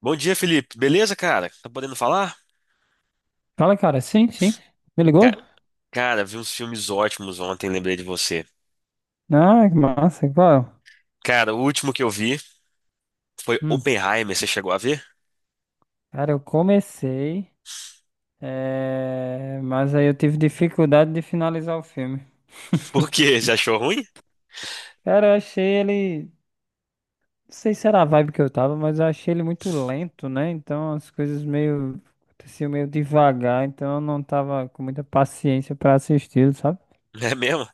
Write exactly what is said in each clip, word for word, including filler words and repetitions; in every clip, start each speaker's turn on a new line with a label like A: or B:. A: Bom dia, Felipe. Beleza, cara? Tá podendo falar?
B: Fala, cara. Sim, sim. Me
A: Ca-
B: ligou?
A: Cara, vi uns filmes ótimos ontem, lembrei de você.
B: Ah, que massa. Qual?
A: Cara, o último que eu vi foi
B: Hum.
A: Oppenheimer, você chegou a ver?
B: Cara, eu comecei, eh, mas aí eu tive dificuldade de finalizar o filme.
A: Por quê? Você achou ruim?
B: Cara, eu achei ele. Não sei se era a vibe que eu tava, mas eu achei ele muito lento, né? Então as coisas meio aconteciam meio devagar, então eu não tava com muita paciência pra assistir, sabe?
A: É mesmo?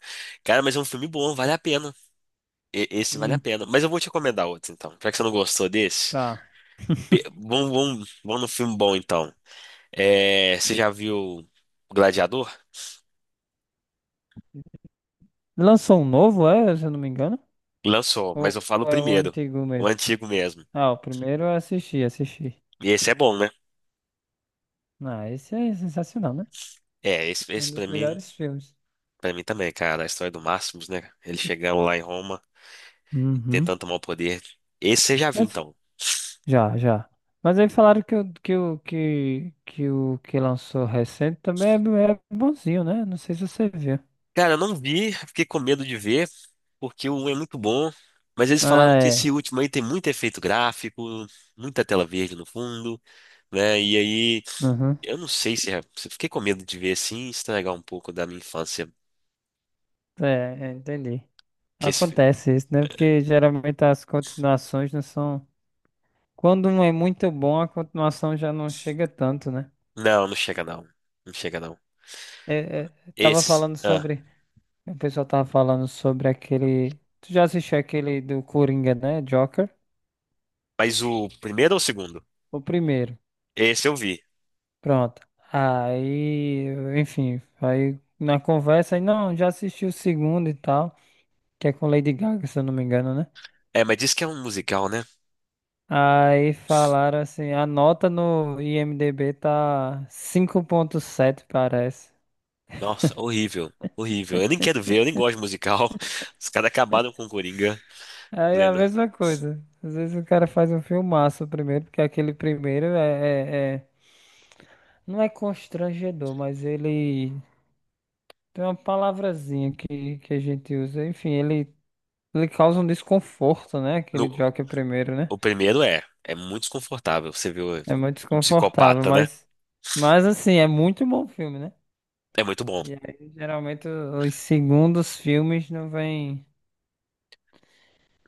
A: Cara, mas é um filme bom, vale a pena. E- Esse vale a
B: Hum,
A: pena. Mas eu vou te recomendar outro, então. Já que você não gostou desse,
B: tá.
A: pe- vamos, vamos, vamos no filme bom, então. É, você já viu Gladiador?
B: Lançou um novo, é? Se eu não me engano?
A: Lançou, mas
B: Ou
A: eu falo o
B: ou é o
A: primeiro.
B: antigo
A: O
B: mesmo?
A: antigo mesmo.
B: Ah, o primeiro eu assisti, assisti.
A: E esse é bom, né?
B: Ah, esse é sensacional, né?
A: É, esse,
B: Um
A: esse
B: dos
A: pra mim.
B: melhores filmes.
A: Pra mim também, cara, a história do Máximos, né? Ele chegando lá em Roma,
B: Uhum.
A: tentando tomar o poder. Esse você já viu,
B: Mas
A: então.
B: já, já. Mas aí falaram que o que o que, que o que lançou recente também é, bo- é bonzinho, né? Não sei se você viu.
A: Cara, eu não vi, fiquei com medo de ver, porque o um é muito bom. Mas eles falaram
B: Ah,
A: que esse
B: é.
A: último aí tem muito efeito gráfico, muita tela verde no fundo, né? E aí,
B: Uhum.
A: eu não sei se é. se- Fiquei com medo de ver assim, estragar um pouco da minha infância.
B: É, é, entendi.
A: Que esse... filme-
B: Acontece isso, né? Porque geralmente as continuações não são. Quando um é muito bom, a continuação já não chega tanto, né?
A: Não, não chega não. Não chega não.
B: É, é, tava
A: Esses.
B: falando
A: Ah,
B: sobre. O pessoal tava falando sobre aquele. Tu já assistiu aquele do Coringa, né? Joker?
A: mas o primeiro ou o segundo?
B: O primeiro.
A: Esse eu vi.
B: Pronto. Aí, enfim, aí na conversa, aí, não, já assisti o segundo e tal, que é com Lady Gaga, se eu não me engano, né?
A: É, mas diz que é um musical, né?
B: Aí falaram assim, a nota no I M D B tá cinco ponto sete, parece.
A: Nossa, horrível. Horrível. Eu nem quero ver, eu nem gosto de musical. Os caras acabaram com o Coringa,
B: Aí é a
A: plena.
B: mesma coisa. Às vezes o cara faz um filmaço primeiro, porque aquele primeiro é, é- é- não é constrangedor, mas ele tem uma palavrazinha que, que a gente usa. Enfim, ele Ele causa um desconforto, né? Aquele
A: No-
B: Joker primeiro, né?
A: o primeiro é, é muito desconfortável. Você viu
B: É muito
A: um
B: desconfortável,
A: psicopata, né?
B: mas, mas assim, é muito bom filme, né?
A: É muito bom.
B: E aí, geralmente, o- os segundos filmes não vêm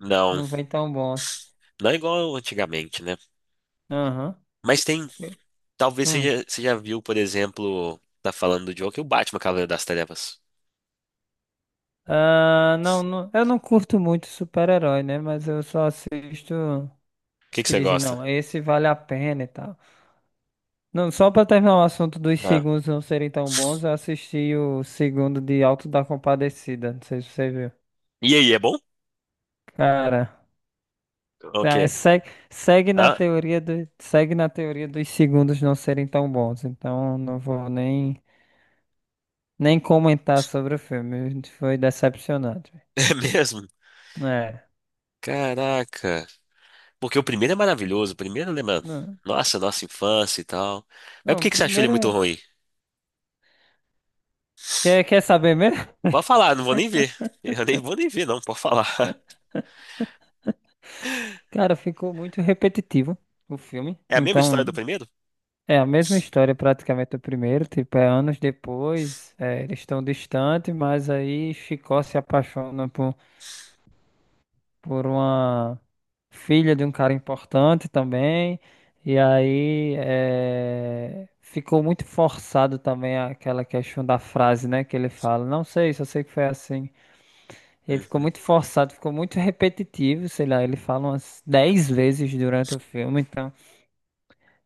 A: Não,
B: não vêm tão bons.
A: não é igual antigamente, né?
B: Aham.
A: Mas tem,
B: Eu-
A: talvez você
B: Hum.
A: já, você já viu, por exemplo, tá falando do Joker, o Batman Cavaleiro das Trevas.
B: Ah, não, não- eu não curto muito super-herói, né? Mas eu só assisto
A: O que
B: os
A: que
B: que
A: você
B: dizem,
A: gosta?
B: não, esse vale a pena e tal. Não, só pra terminar o assunto dos
A: Ah.
B: segundos não serem tão bons, eu assisti o segundo de Alto da Compadecida. Não sei se você viu.
A: E aí, é bom?
B: Cara.
A: Ok.
B: Tá, segue, segue na
A: Ah,
B: teoria do, segue na teoria dos segundos não serem tão bons. Então não vou nem, nem comentar sobre o filme. Foi decepcionante.
A: é mesmo?
B: É.
A: Caraca. Porque o primeiro é maravilhoso, o primeiro lembra,
B: Não,
A: nossa, nossa infância e tal. Mas por
B: não, o
A: que que você achou ele
B: primeiro.
A: muito
B: é-
A: ruim?
B: Quer, quer saber mesmo?
A: Pode falar, não vou nem ver. Eu nem vou nem ver, não, pode falar.
B: Cara, ficou muito repetitivo o filme.
A: É a mesma história do
B: Então,
A: primeiro?
B: é a mesma história praticamente do primeiro. Tipo, é anos depois. É, eles estão distantes, mas aí Chicó se apaixona por. por uma filha de um cara importante também. E aí eh, ficou muito forçado também aquela questão da frase, né, que ele fala. Não sei, só sei que foi assim. E aí ficou
A: Uhum.
B: muito forçado, ficou muito repetitivo, sei lá, ele fala umas dez vezes durante o filme, então,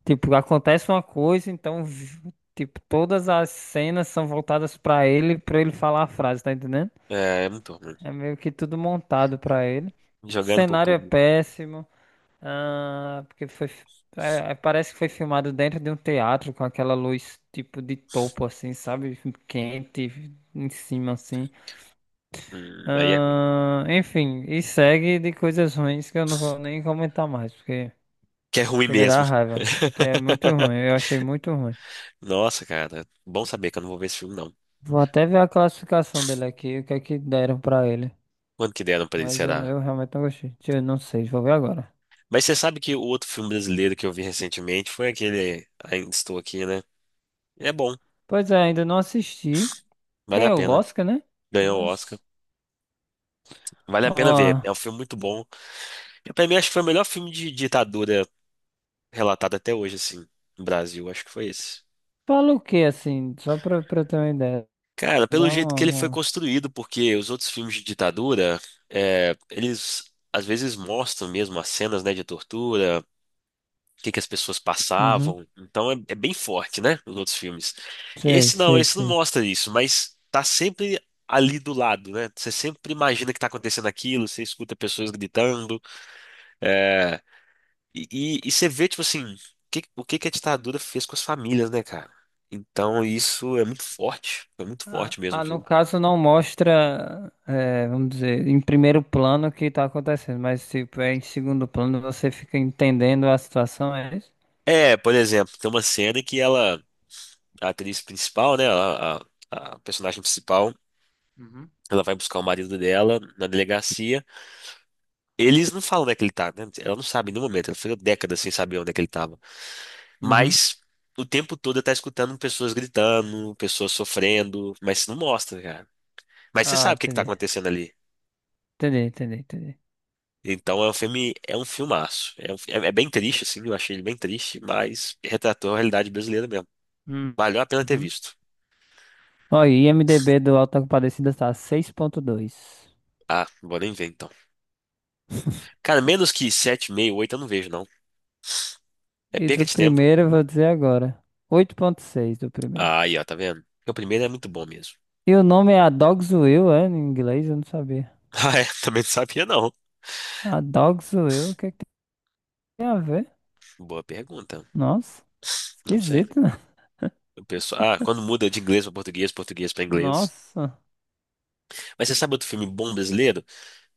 B: tipo, acontece uma coisa, então, vi- tipo, todas as cenas são voltadas pra ele, pra ele falar a frase, tá entendendo?
A: É, é muito ruim.
B: É meio que tudo montado pra ele.
A: Jogando pro
B: Cenário é
A: público.
B: péssimo. Ah, porque foi. é, é, parece que foi filmado dentro de um teatro com aquela luz tipo de topo, assim, sabe? Quente em cima, assim.
A: Hum, aí é ruim.
B: Ah, enfim, e segue de coisas ruins que eu não vou nem comentar mais, porque
A: Que é ruim
B: chega a dar
A: mesmo.
B: raiva. Que é muito ruim, eu achei muito ruim.
A: Nossa, cara. Bom saber que eu não vou ver esse filme, não.
B: Vou até ver a classificação dele aqui, o que é que deram pra ele.
A: Quanto que deram pra ele,
B: Mas eu,
A: será?
B: eu realmente não gostei. Deixa. Eu não sei, vou ver agora.
A: Mas você sabe que o outro filme brasileiro que eu vi recentemente foi aquele Ainda Estou Aqui, né? É bom,
B: Pois é, ainda não assisti.
A: vale a
B: Ganhou o
A: pena.
B: Oscar, né?
A: Ganhou o Oscar.
B: Mas.
A: Vale a
B: Ó.
A: pena ver. É um filme muito bom. Eu, Pra mim, acho que foi o melhor filme de ditadura relatado até hoje, assim, no Brasil. Acho que foi esse.
B: Fala o que assim? Só pra, pra ter uma ideia.
A: Cara, pelo
B: Dá
A: jeito
B: uma.
A: que ele foi
B: uma-
A: construído, porque os outros filmes de ditadura, é, eles às vezes mostram mesmo as cenas, né, de tortura, o que que as pessoas
B: Uhum.
A: passavam. Então é, é bem forte, né, os outros filmes.
B: Sei,
A: Esse não,
B: sei,
A: esse não
B: sei.
A: mostra isso, mas tá sempre ali do lado, né? Você sempre imagina que tá acontecendo aquilo, você escuta pessoas gritando. é, E, e, e você vê, tipo assim, que- o que que a ditadura fez com as famílias, né, cara? Então isso é muito forte, é muito
B: Ah,
A: forte mesmo
B: ah,
A: o
B: no
A: filme.
B: caso não mostra, eh, vamos dizer, em primeiro plano o que tá acontecendo, mas tipo, é em segundo plano você fica entendendo a situação, é isso?
A: É, por exemplo, tem uma cena em que ela, a atriz principal, né, a, a- a personagem principal,
B: Uhum.
A: ela vai buscar o marido dela na delegacia. Eles não falam onde é que ele tá, né? Ela não sabe em nenhum momento, ela ficou décadas sem saber onde é que ele tava.
B: Uhum.
A: Mas o tempo todo ela tá escutando pessoas gritando, pessoas sofrendo, mas não mostra, cara. Mas você
B: Ah,
A: sabe o que que tá
B: entendi.
A: acontecendo ali.
B: Entendi, entendi, entendi.
A: Então é um filme, é um filmaço. É, um fi- é, é bem triste, assim, eu achei ele bem triste, mas retratou a realidade brasileira mesmo.
B: Hum.
A: Valeu a pena ter
B: Uhum.
A: visto.
B: Ó, e I M D B do Auto da Compadecida tá seis ponto dois.
A: Ah, não vou nem ver então. Cara, menos que sete vírgula cinco, oito eu não vejo, não. É
B: E
A: perca
B: do
A: de tempo.
B: primeiro, eu vou dizer agora, oito ponto seis do primeiro.
A: Ah, aí, ó, tá vendo? Porque o primeiro é muito bom mesmo.
B: E o nome é A Dog's Will, é? Em inglês, eu não sabia.
A: Ah, é, também não sabia, não.
B: A Dog's Will, o que que tem a ver?
A: Boa pergunta.
B: Nossa,
A: Não sei.
B: esquisito, né?
A: O pessoal, ah, quando muda de inglês pra português, português pra inglês.
B: Nossa.
A: Mas você sabe outro filme bom brasileiro?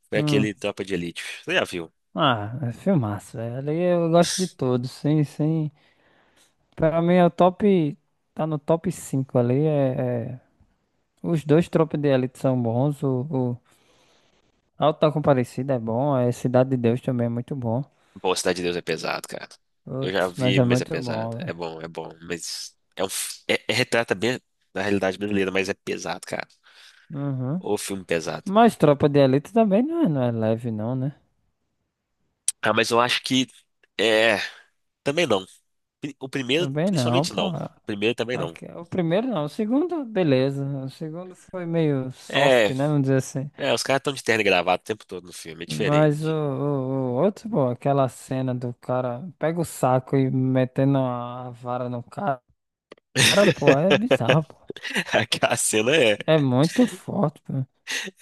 A: Foi
B: Hum.
A: aquele Tropa de Elite. Você já viu?
B: Ah, é filmaço, velho. Ali eu gosto de todos, sim, sim. Pra mim é o top. Tá no top cinco ali. É, é- Os dois Tropa de Elite são bons. O, o Auto da Compadecida é bom. É Cidade de Deus também é muito bom.
A: Pô, Cidade de Deus é pesado, cara. Eu já
B: Putz, mas
A: vi,
B: é
A: mas é
B: muito
A: pesado.
B: bom,
A: É
B: velho.
A: bom, é bom, mas é um f- é, é retrata bem da realidade brasileira, mas é pesado, cara.
B: Uhum.
A: O filme pesado.
B: Mas Tropa de Elite também não é, não é leve, não, né?
A: Ah, mas eu acho que é, também não. O primeiro,
B: Também não,
A: principalmente
B: pô.
A: não. O primeiro também não.
B: Aqui, o primeiro não, o segundo, beleza. O segundo foi meio
A: É,
B: soft, né? Vamos dizer assim.
A: é, os caras estão de terno e gravata o tempo todo no filme, é
B: Mas o,
A: diferente.
B: o- o outro, pô, aquela cena do cara pega o saco e metendo a vara no cara, pô, é bizarro, pô.
A: Aquela cena é,
B: É muito forte, pô.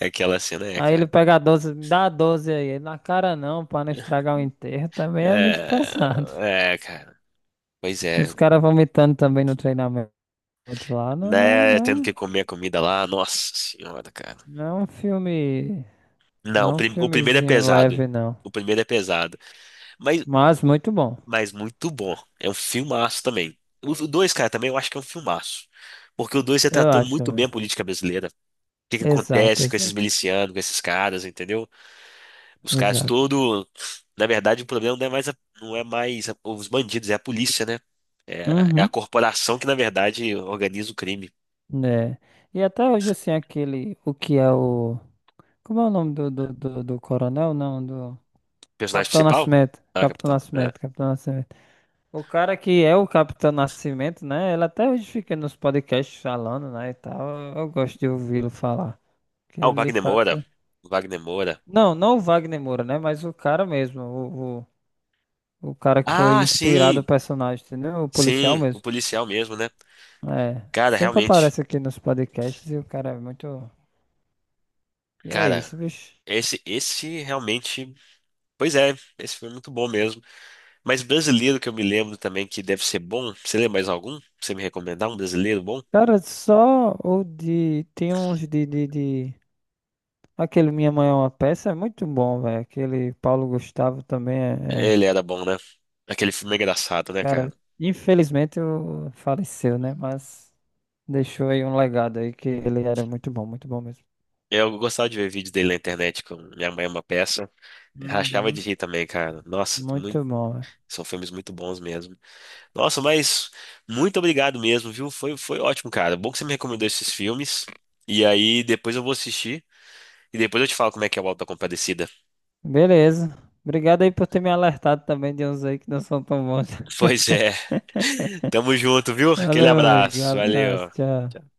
A: aquela cena é,
B: Aí ele
A: cara.
B: pega a doze, me dá a doze aí. Ele, Na cara não, pra não estragar o enterro, também é muito
A: É,
B: pesado.
A: é, cara. Pois
B: Os
A: é.
B: caras vomitando também no treinamento lá, não, não é,
A: Né? Tendo
B: não
A: que
B: é,
A: comer a comida lá. Nossa senhora, cara.
B: não é um filme, não
A: Não, o
B: é um
A: prim- o primeiro é
B: filmezinho
A: pesado.
B: leve, não.
A: O primeiro é pesado. Mas,
B: Mas muito bom,
A: mas muito bom. É um filmaço também. O o dois, cara, também eu acho que é um filmaço. Porque o dois
B: eu
A: retratou
B: acho,
A: muito bem a
B: velho.
A: política brasileira. O que que
B: Exato,
A: acontece com esses
B: exato,
A: milicianos, com esses caras, entendeu? Os caras
B: exato.
A: todo. Na verdade, o problema não é mais, a- não é mais a- os bandidos, é a polícia, né? É, é a
B: Uhum,
A: corporação que, na verdade, organiza o crime. O
B: né? E até hoje, assim, aquele, o que é o... Como é o nome do, do, do, do coronel? Não, do...
A: personagem
B: Capitão
A: principal?
B: Nascimento.
A: Ah,
B: Capitão
A: capitão. É,
B: Nascimento, Capitão Nascimento. O cara que é o Capitão Nascimento, né? Ele até hoje fica nos podcasts falando, né, e tal. Eu, eu gosto de ouvi-lo falar. Que
A: ah, o
B: ele, de
A: Wagner Moura.
B: fato...
A: O Wagner Moura.
B: Não, não o Wagner Moura, né? Mas o cara mesmo, o, o, o cara que foi
A: Ah,
B: inspirado o
A: sim,
B: personagem, entendeu? O policial
A: sim, o
B: mesmo.
A: policial mesmo, né?
B: É,
A: Cara,
B: sempre
A: realmente,
B: aparece aqui nos podcasts e o cara é muito. E é
A: cara,
B: isso, bicho.
A: esse, esse realmente, pois é, esse foi muito bom mesmo. Mas brasileiro que eu me lembro também que deve ser bom, você lembra mais algum? Pra você me recomendar um brasileiro bom?
B: Cara, só o de. Tem uns de, de, de- Aquele Minha Mãe é uma Peça é muito bom, velho. Aquele Paulo Gustavo também é. é-
A: Ele era bom, né? Aquele filme é engraçado, né, cara?
B: Cara, infelizmente o- faleceu, né? Mas deixou aí um legado aí que ele era muito bom, muito bom mesmo.
A: Eu gostava de ver vídeos dele na internet com Minha Mãe é uma Peça. Rachava de
B: Uhum,
A: rir também, cara. Nossa, muito-
B: muito bom, velho.
A: são filmes muito bons mesmo. Nossa, mas muito obrigado mesmo, viu? Foi, foi ótimo, cara. Bom que você me recomendou esses filmes. E aí depois eu vou assistir e depois eu te falo como é que é o Auto da Compadecida.
B: Beleza. Obrigado aí por ter me alertado também de uns aí que não são tão bons.
A: Pois é. Tamo junto, viu? Aquele
B: Valeu, meu amigo. Um
A: abraço.
B: abraço,
A: Valeu.
B: tchau.
A: Tchau.